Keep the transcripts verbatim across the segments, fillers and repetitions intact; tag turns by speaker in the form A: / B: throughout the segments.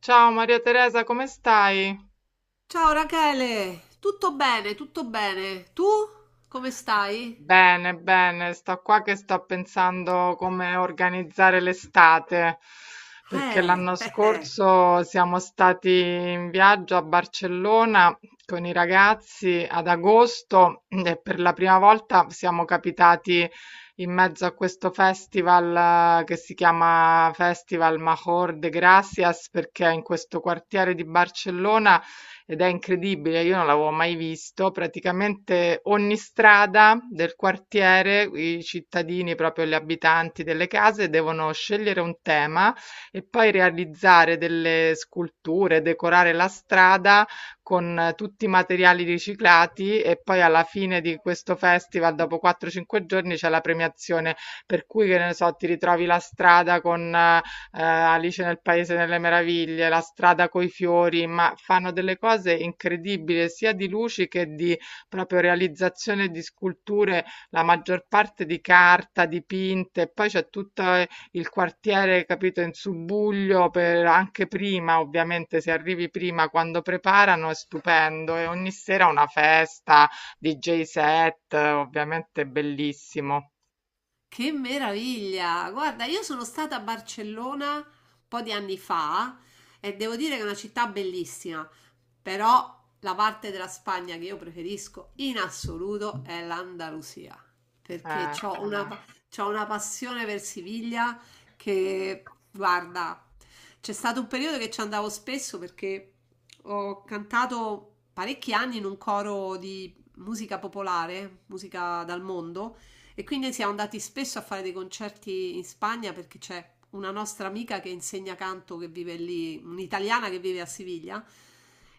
A: Ciao Maria Teresa, come stai?
B: Ciao Rachele, tutto bene, tutto bene. Tu come stai?
A: Bene, bene, sto qua che sto pensando come organizzare l'estate, perché
B: Eh,
A: l'anno
B: eh, eh.
A: scorso siamo stati in viaggio a Barcellona con i ragazzi ad agosto e per la prima volta siamo capitati in mezzo a questo festival eh, che si chiama Festival Major de Gracias, perché in questo quartiere di Barcellona ed è incredibile, io non l'avevo mai visto. Praticamente ogni strada del quartiere, i cittadini, proprio gli abitanti delle case, devono scegliere un tema e poi realizzare delle sculture, decorare la strada con eh, tutti i materiali riciclati e poi alla fine di questo festival, dopo quattro cinque giorni, c'è la premiazione, per cui che ne so, ti ritrovi la strada con eh, eh, Alice nel Paese delle Meraviglie, La strada coi fiori, ma fanno delle cose incredibili sia di luci che di proprio realizzazione di sculture, la maggior parte di carta, dipinte, poi c'è tutto eh, il quartiere, capito, in subbuglio per anche prima, ovviamente se arrivi prima quando preparano è stupendo e ogni sera una festa, D J set, eh, ovviamente bellissimo.
B: Che meraviglia! Guarda, io sono stata a Barcellona un po' di anni fa e devo dire che è una città bellissima, però la parte della Spagna che io preferisco in assoluto è l'Andalusia, perché
A: Eh,
B: ho una, pa- c'ho una passione per Siviglia che, guarda, c'è stato un periodo che ci andavo spesso perché ho cantato parecchi anni in un coro di musica popolare, musica dal mondo. E quindi siamo andati spesso a fare dei concerti in Spagna perché c'è una nostra amica che insegna canto che vive lì, un'italiana che vive a Siviglia.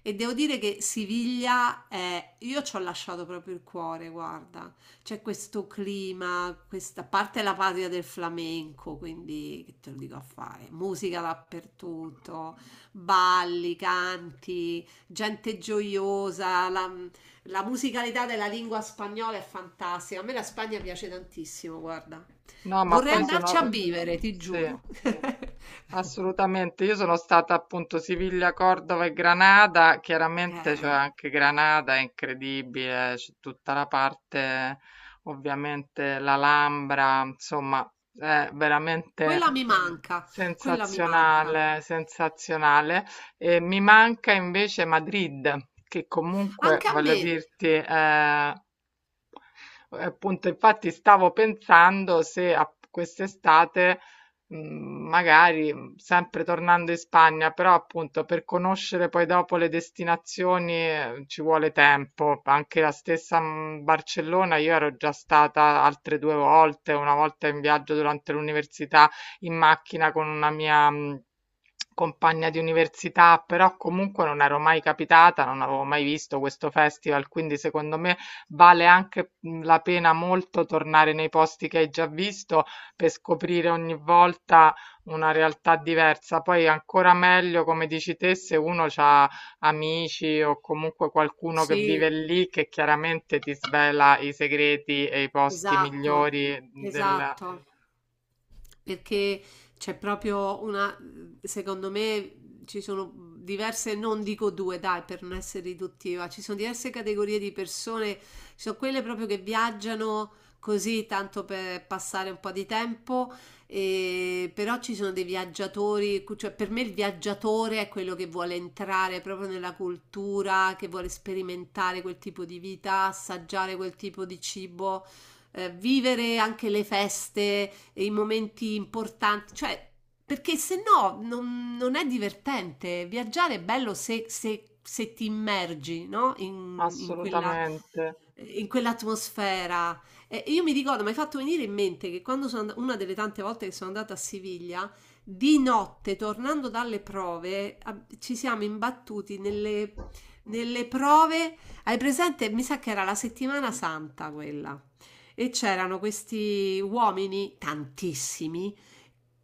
B: E devo dire che Siviglia è, io ci ho lasciato proprio il cuore, guarda, c'è questo clima, questa a parte è la patria del flamenco, quindi che te lo dico a fare, musica dappertutto, balli, canti, gente gioiosa, la- la musicalità della lingua spagnola è fantastica. A me la Spagna piace tantissimo, guarda.
A: no, ma
B: Vorrei
A: poi
B: andarci
A: sono.
B: a vivere, ti
A: Sì.
B: giuro.
A: Assolutamente, io sono stata appunto Siviglia, Cordova e Granada, chiaramente c'è
B: Eh,
A: anche Granada, è incredibile, c'è tutta la parte, ovviamente l'Alhambra, insomma, è veramente
B: quella mi manca, quella mi manca.
A: sensazionale, sensazionale. E mi manca invece Madrid, che comunque,
B: Anche a
A: voglio
B: me.
A: dirti, è eh, appunto, infatti stavo pensando se a quest'estate, mh, magari mh, sempre tornando in Spagna, però appunto per conoscere poi dopo le destinazioni eh, ci vuole tempo. Anche la stessa mh, Barcellona, io ero già stata altre due volte, una volta in viaggio durante l'università in macchina con una mia mh, compagna di università, però comunque non ero mai capitata, non avevo mai visto questo festival, quindi secondo me vale anche mh, la pena molto tornare nei posti che hai già visto per scoprire ogni volta una realtà diversa. Poi ancora meglio, come dici te, se uno ha amici o comunque qualcuno che vive
B: Sì,
A: lì che chiaramente ti svela i segreti e i posti
B: esatto,
A: migliori del.
B: esatto. Perché c'è proprio una, secondo me ci sono diverse, non dico due, dai, per non essere riduttiva, ci sono diverse categorie di persone, ci sono quelle proprio che viaggiano così tanto per passare un po' di tempo, e- però ci sono dei viaggiatori, cu- cioè per me il viaggiatore è quello che vuole entrare proprio nella cultura, che vuole sperimentare quel tipo di vita, assaggiare quel tipo di cibo, eh, vivere anche le feste, i momenti importanti, cioè perché se no non, non è divertente. Viaggiare è bello se, se- se ti immergi, no? In, in quella,
A: Assolutamente.
B: in quell'atmosfera. E io mi ricordo, mi hai fatto venire in mente che quando sono and- una delle tante volte che sono andata a Siviglia, di notte, tornando dalle prove, a- ci siamo imbattuti nelle, nelle prove. Hai presente? Mi sa che era la settimana santa quella. E c'erano questi uomini, tantissimi,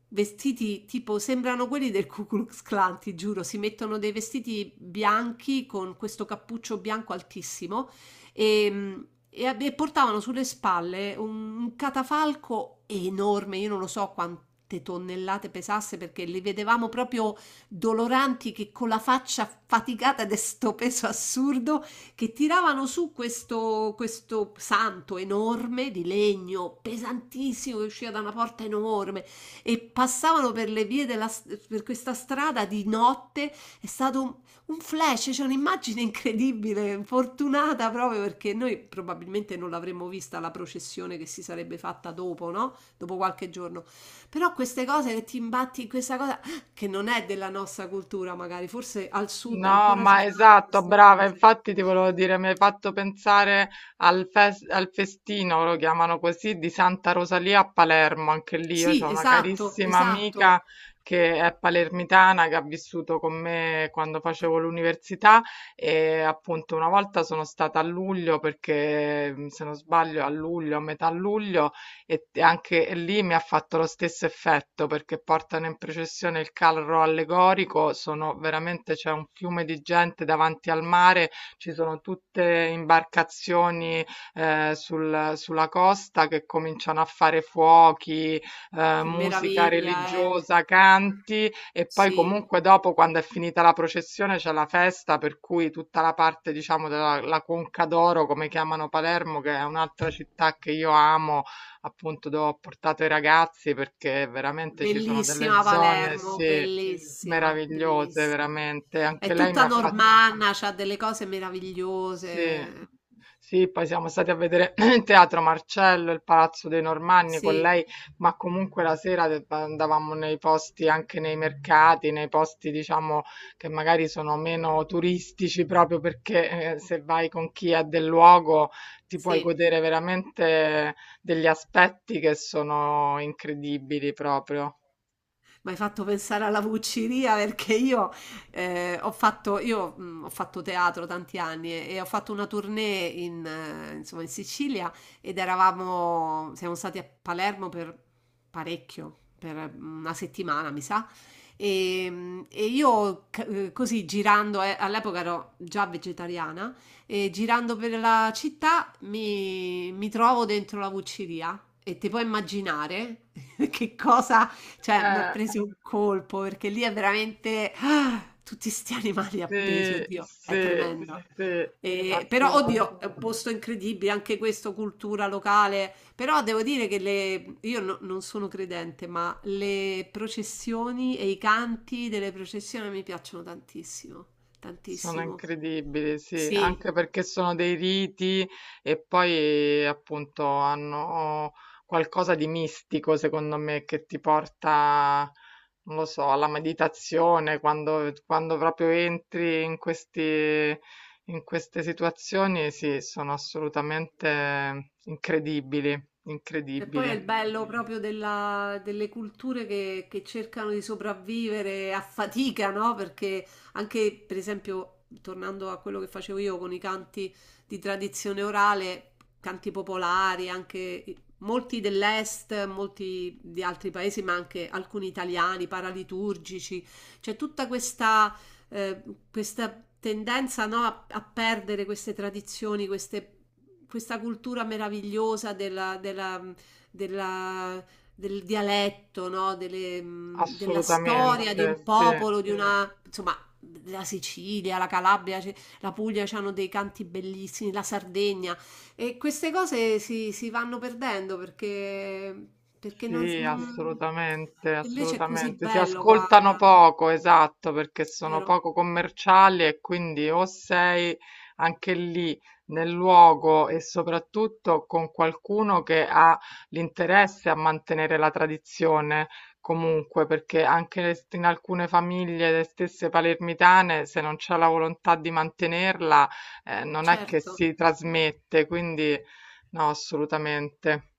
B: vestiti tipo, sembrano quelli del Ku Klux Klan, ti giuro, si mettono dei vestiti bianchi con questo cappuccio bianco altissimo e, e ab- e portavano sulle spalle un un catafalco enorme, io non lo so quante tonnellate pesasse perché li vedevamo proprio doloranti che con la faccia faticata di sto peso assurdo che tiravano su questo, questo santo enorme di legno pesantissimo che usciva da una porta enorme e passavano per le vie della, per questa strada di notte. È stato un un flash, c'è un'immagine incredibile, fortunata proprio perché noi probabilmente non l'avremmo vista la processione che si sarebbe fatta dopo, no? Dopo qualche giorno. Però queste cose che ti imbatti in questa cosa ah, che non è della nostra cultura, magari, forse al sud
A: No,
B: ancora si
A: ma
B: fanno.
A: esatto, brava, infatti ti volevo dire, mi hai fatto pensare al, fes- al festino, lo chiamano così, di Santa Rosalia a Palermo, anche lì io ho
B: Sì,
A: una
B: esatto,
A: carissima
B: esatto.
A: amica che è palermitana, che ha vissuto con me quando facevo l'università e appunto una volta sono stata a luglio, perché se non sbaglio a luglio, a metà luglio, e anche lì mi ha fatto lo stesso effetto perché portano in processione il carro allegorico, sono veramente c'è un fiume di gente davanti al mare, ci sono tutte imbarcazioni eh, sul- sulla costa che cominciano a fare fuochi, eh,
B: Che
A: musica
B: meraviglia, eh.
A: religiosa, canti e poi
B: Sì.
A: comunque dopo quando è finita la processione c'è la festa per cui tutta la parte diciamo della la Conca d'Oro come chiamano Palermo che è un'altra città che io amo appunto dove ho portato i ragazzi perché veramente ci sono delle
B: Bellissima
A: zone,
B: Palermo,
A: sì,
B: bellissima,
A: meravigliose,
B: bellissima.
A: veramente. Anche
B: È
A: lei mi
B: tutta
A: ha fatto
B: normanna, c'ha delle cose
A: sì.
B: meravigliose.
A: Sì, poi siamo stati a vedere il Teatro Marcello, il Palazzo dei Normanni con
B: Sì,
A: lei, ma comunque la sera de- andavamo nei posti, anche nei mercati, nei posti, diciamo, che magari sono meno turistici, proprio perché eh, se vai con chi è del luogo ti puoi
B: sì.
A: godere veramente degli aspetti che sono incredibili proprio.
B: Mi hai fatto pensare alla Vucciria perché io, eh, ho fatto, io, mh, ho fatto teatro tanti anni e, e ho fatto una tournée in, eh, insomma, in Sicilia ed eravamo, siamo stati a Palermo per parecchio, per una settimana mi sa. E, mh, e io c- eh, così girando, eh, all'epoca ero già vegetariana, e girando per la città mi, mi trovo dentro la Vucciria e ti puoi immaginare che cosa, cioè, m'ha
A: Eh,
B: preso un colpo, perché lì è veramente ah, tutti 'sti animali
A: sì,
B: appesi, oddio, è
A: sì,
B: tremendo.
A: sì,
B: Ehm, però
A: assolutamente.
B: oddio, è un posto incredibile, anche questo cultura locale, però devo dire che le io no, non sono credente, ma le processioni e i canti delle processioni mi piacciono tantissimo,
A: Sono
B: tantissimo.
A: incredibili, sì,
B: Sì.
A: anche perché sono dei riti e poi appunto hanno qualcosa di mistico, secondo me, che ti porta, non lo so, alla meditazione, quando, quando proprio entri in questi, in queste situazioni, sì, sono assolutamente incredibili,
B: E poi è
A: incredibili,
B: il bello proprio della- delle culture che, che cercano di sopravvivere a fatica, no? Perché anche, per esempio, tornando a quello che facevo io con i canti di tradizione orale, canti popolari, anche i- molti dell'est, molti di altri paesi, ma anche alcuni italiani, paraliturgici, c'è tutta questa, eh, questa tendenza, no, a, a perdere queste tradizioni, queste- questa cultura meravigliosa della, della- della, del dialetto, no? Delle, mh, della storia di
A: assolutamente,
B: un
A: sì.
B: popolo, di una, insomma, la Sicilia, la Calabria, ce- la Puglia hanno dei canti bellissimi, la Sardegna, e queste cose si, si vanno perdendo perché, perché non,
A: Sì,
B: non-
A: assolutamente,
B: invece è così
A: assolutamente. Si
B: bello,
A: ascoltano
B: guarda,
A: poco, esatto, perché sono
B: vero?
A: poco commerciali e quindi o sei anche lì nel luogo e soprattutto con qualcuno che ha l'interesse a mantenere la tradizione. Comunque, perché anche le- in alcune famiglie, le stesse palermitane, se non c'è la volontà di mantenerla, eh, non è che
B: Certo.
A: si trasmette, quindi no, assolutamente.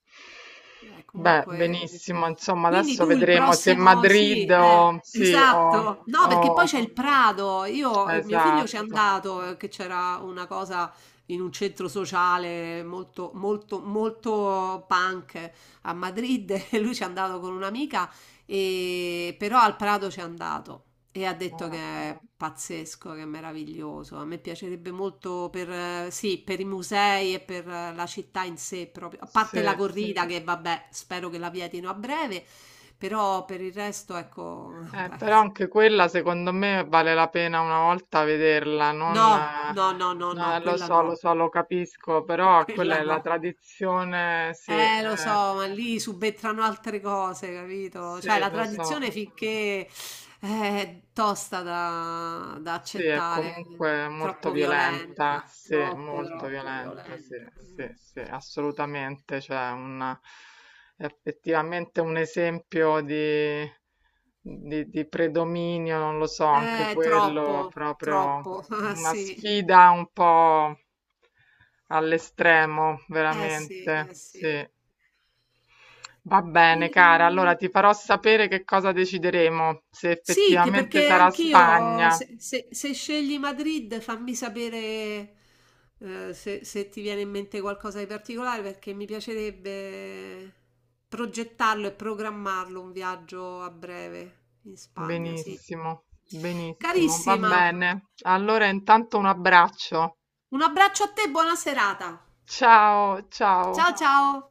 B: Beh,
A: Beh,
B: comunque
A: benissimo, insomma,
B: quindi
A: adesso
B: tu il
A: vedremo se
B: prossimo sì,
A: Madrid
B: eh,
A: o, sì, o,
B: esatto. No, perché poi
A: o-
B: c'è il Prado. Io, eh, mio figlio ci è
A: esatto.
B: andato, eh, che c'era una cosa in un centro sociale molto, molto, molto punk a Madrid e lui ci è andato con un'amica e- però al Prado c'è andato e ha detto
A: Eh,
B: che è pazzesco, che è meraviglioso. A me piacerebbe molto per, eh, sì, per i musei e per eh, la città in sé proprio, a parte la
A: sì.
B: corrida che vabbè, spero che la vietino a breve, però per il resto ecco,
A: Eh,
B: vabbè.
A: però anche quella, secondo me, vale la pena una volta vederla, non,
B: No,
A: eh,
B: no, no, no,
A: no,
B: no,
A: lo
B: quella
A: so,
B: no,
A: lo so, lo capisco, però quella è
B: quella
A: la
B: no.
A: tradizione, sì,
B: Eh, lo so,
A: eh,
B: ma lì subentrano altre cose, capito? Cioè,
A: sì,
B: la
A: lo so.
B: tradizione finché eh, è tosta da, da
A: Sì, è
B: accettare,
A: comunque molto
B: troppo
A: violenta,
B: violenta,
A: sì,
B: troppo,
A: molto
B: troppo
A: violenta, sì,
B: violenta.
A: sì, sì, assolutamente, cioè un, è effettivamente un esempio di, di, di, predominio, non lo so, anche
B: Eh,
A: quello
B: troppo,
A: proprio
B: troppo, ah,
A: una
B: sì,
A: sfida un po' all'estremo,
B: eh sì,
A: veramente,
B: eh
A: sì.
B: sì.
A: Va bene, cara, allora ti farò sapere che cosa decideremo, se
B: Sì, che
A: effettivamente
B: perché
A: sarà
B: anch'io,
A: Spagna.
B: se, se- se scegli Madrid, fammi sapere eh, se, se ti viene in mente qualcosa di particolare, perché mi piacerebbe progettarlo e programmarlo un viaggio a breve in Spagna, sì.
A: Benissimo, benissimo, va
B: Carissima,
A: bene. Allora intanto un abbraccio.
B: un abbraccio a te, buona serata.
A: Ciao, ciao.
B: Ciao ciao.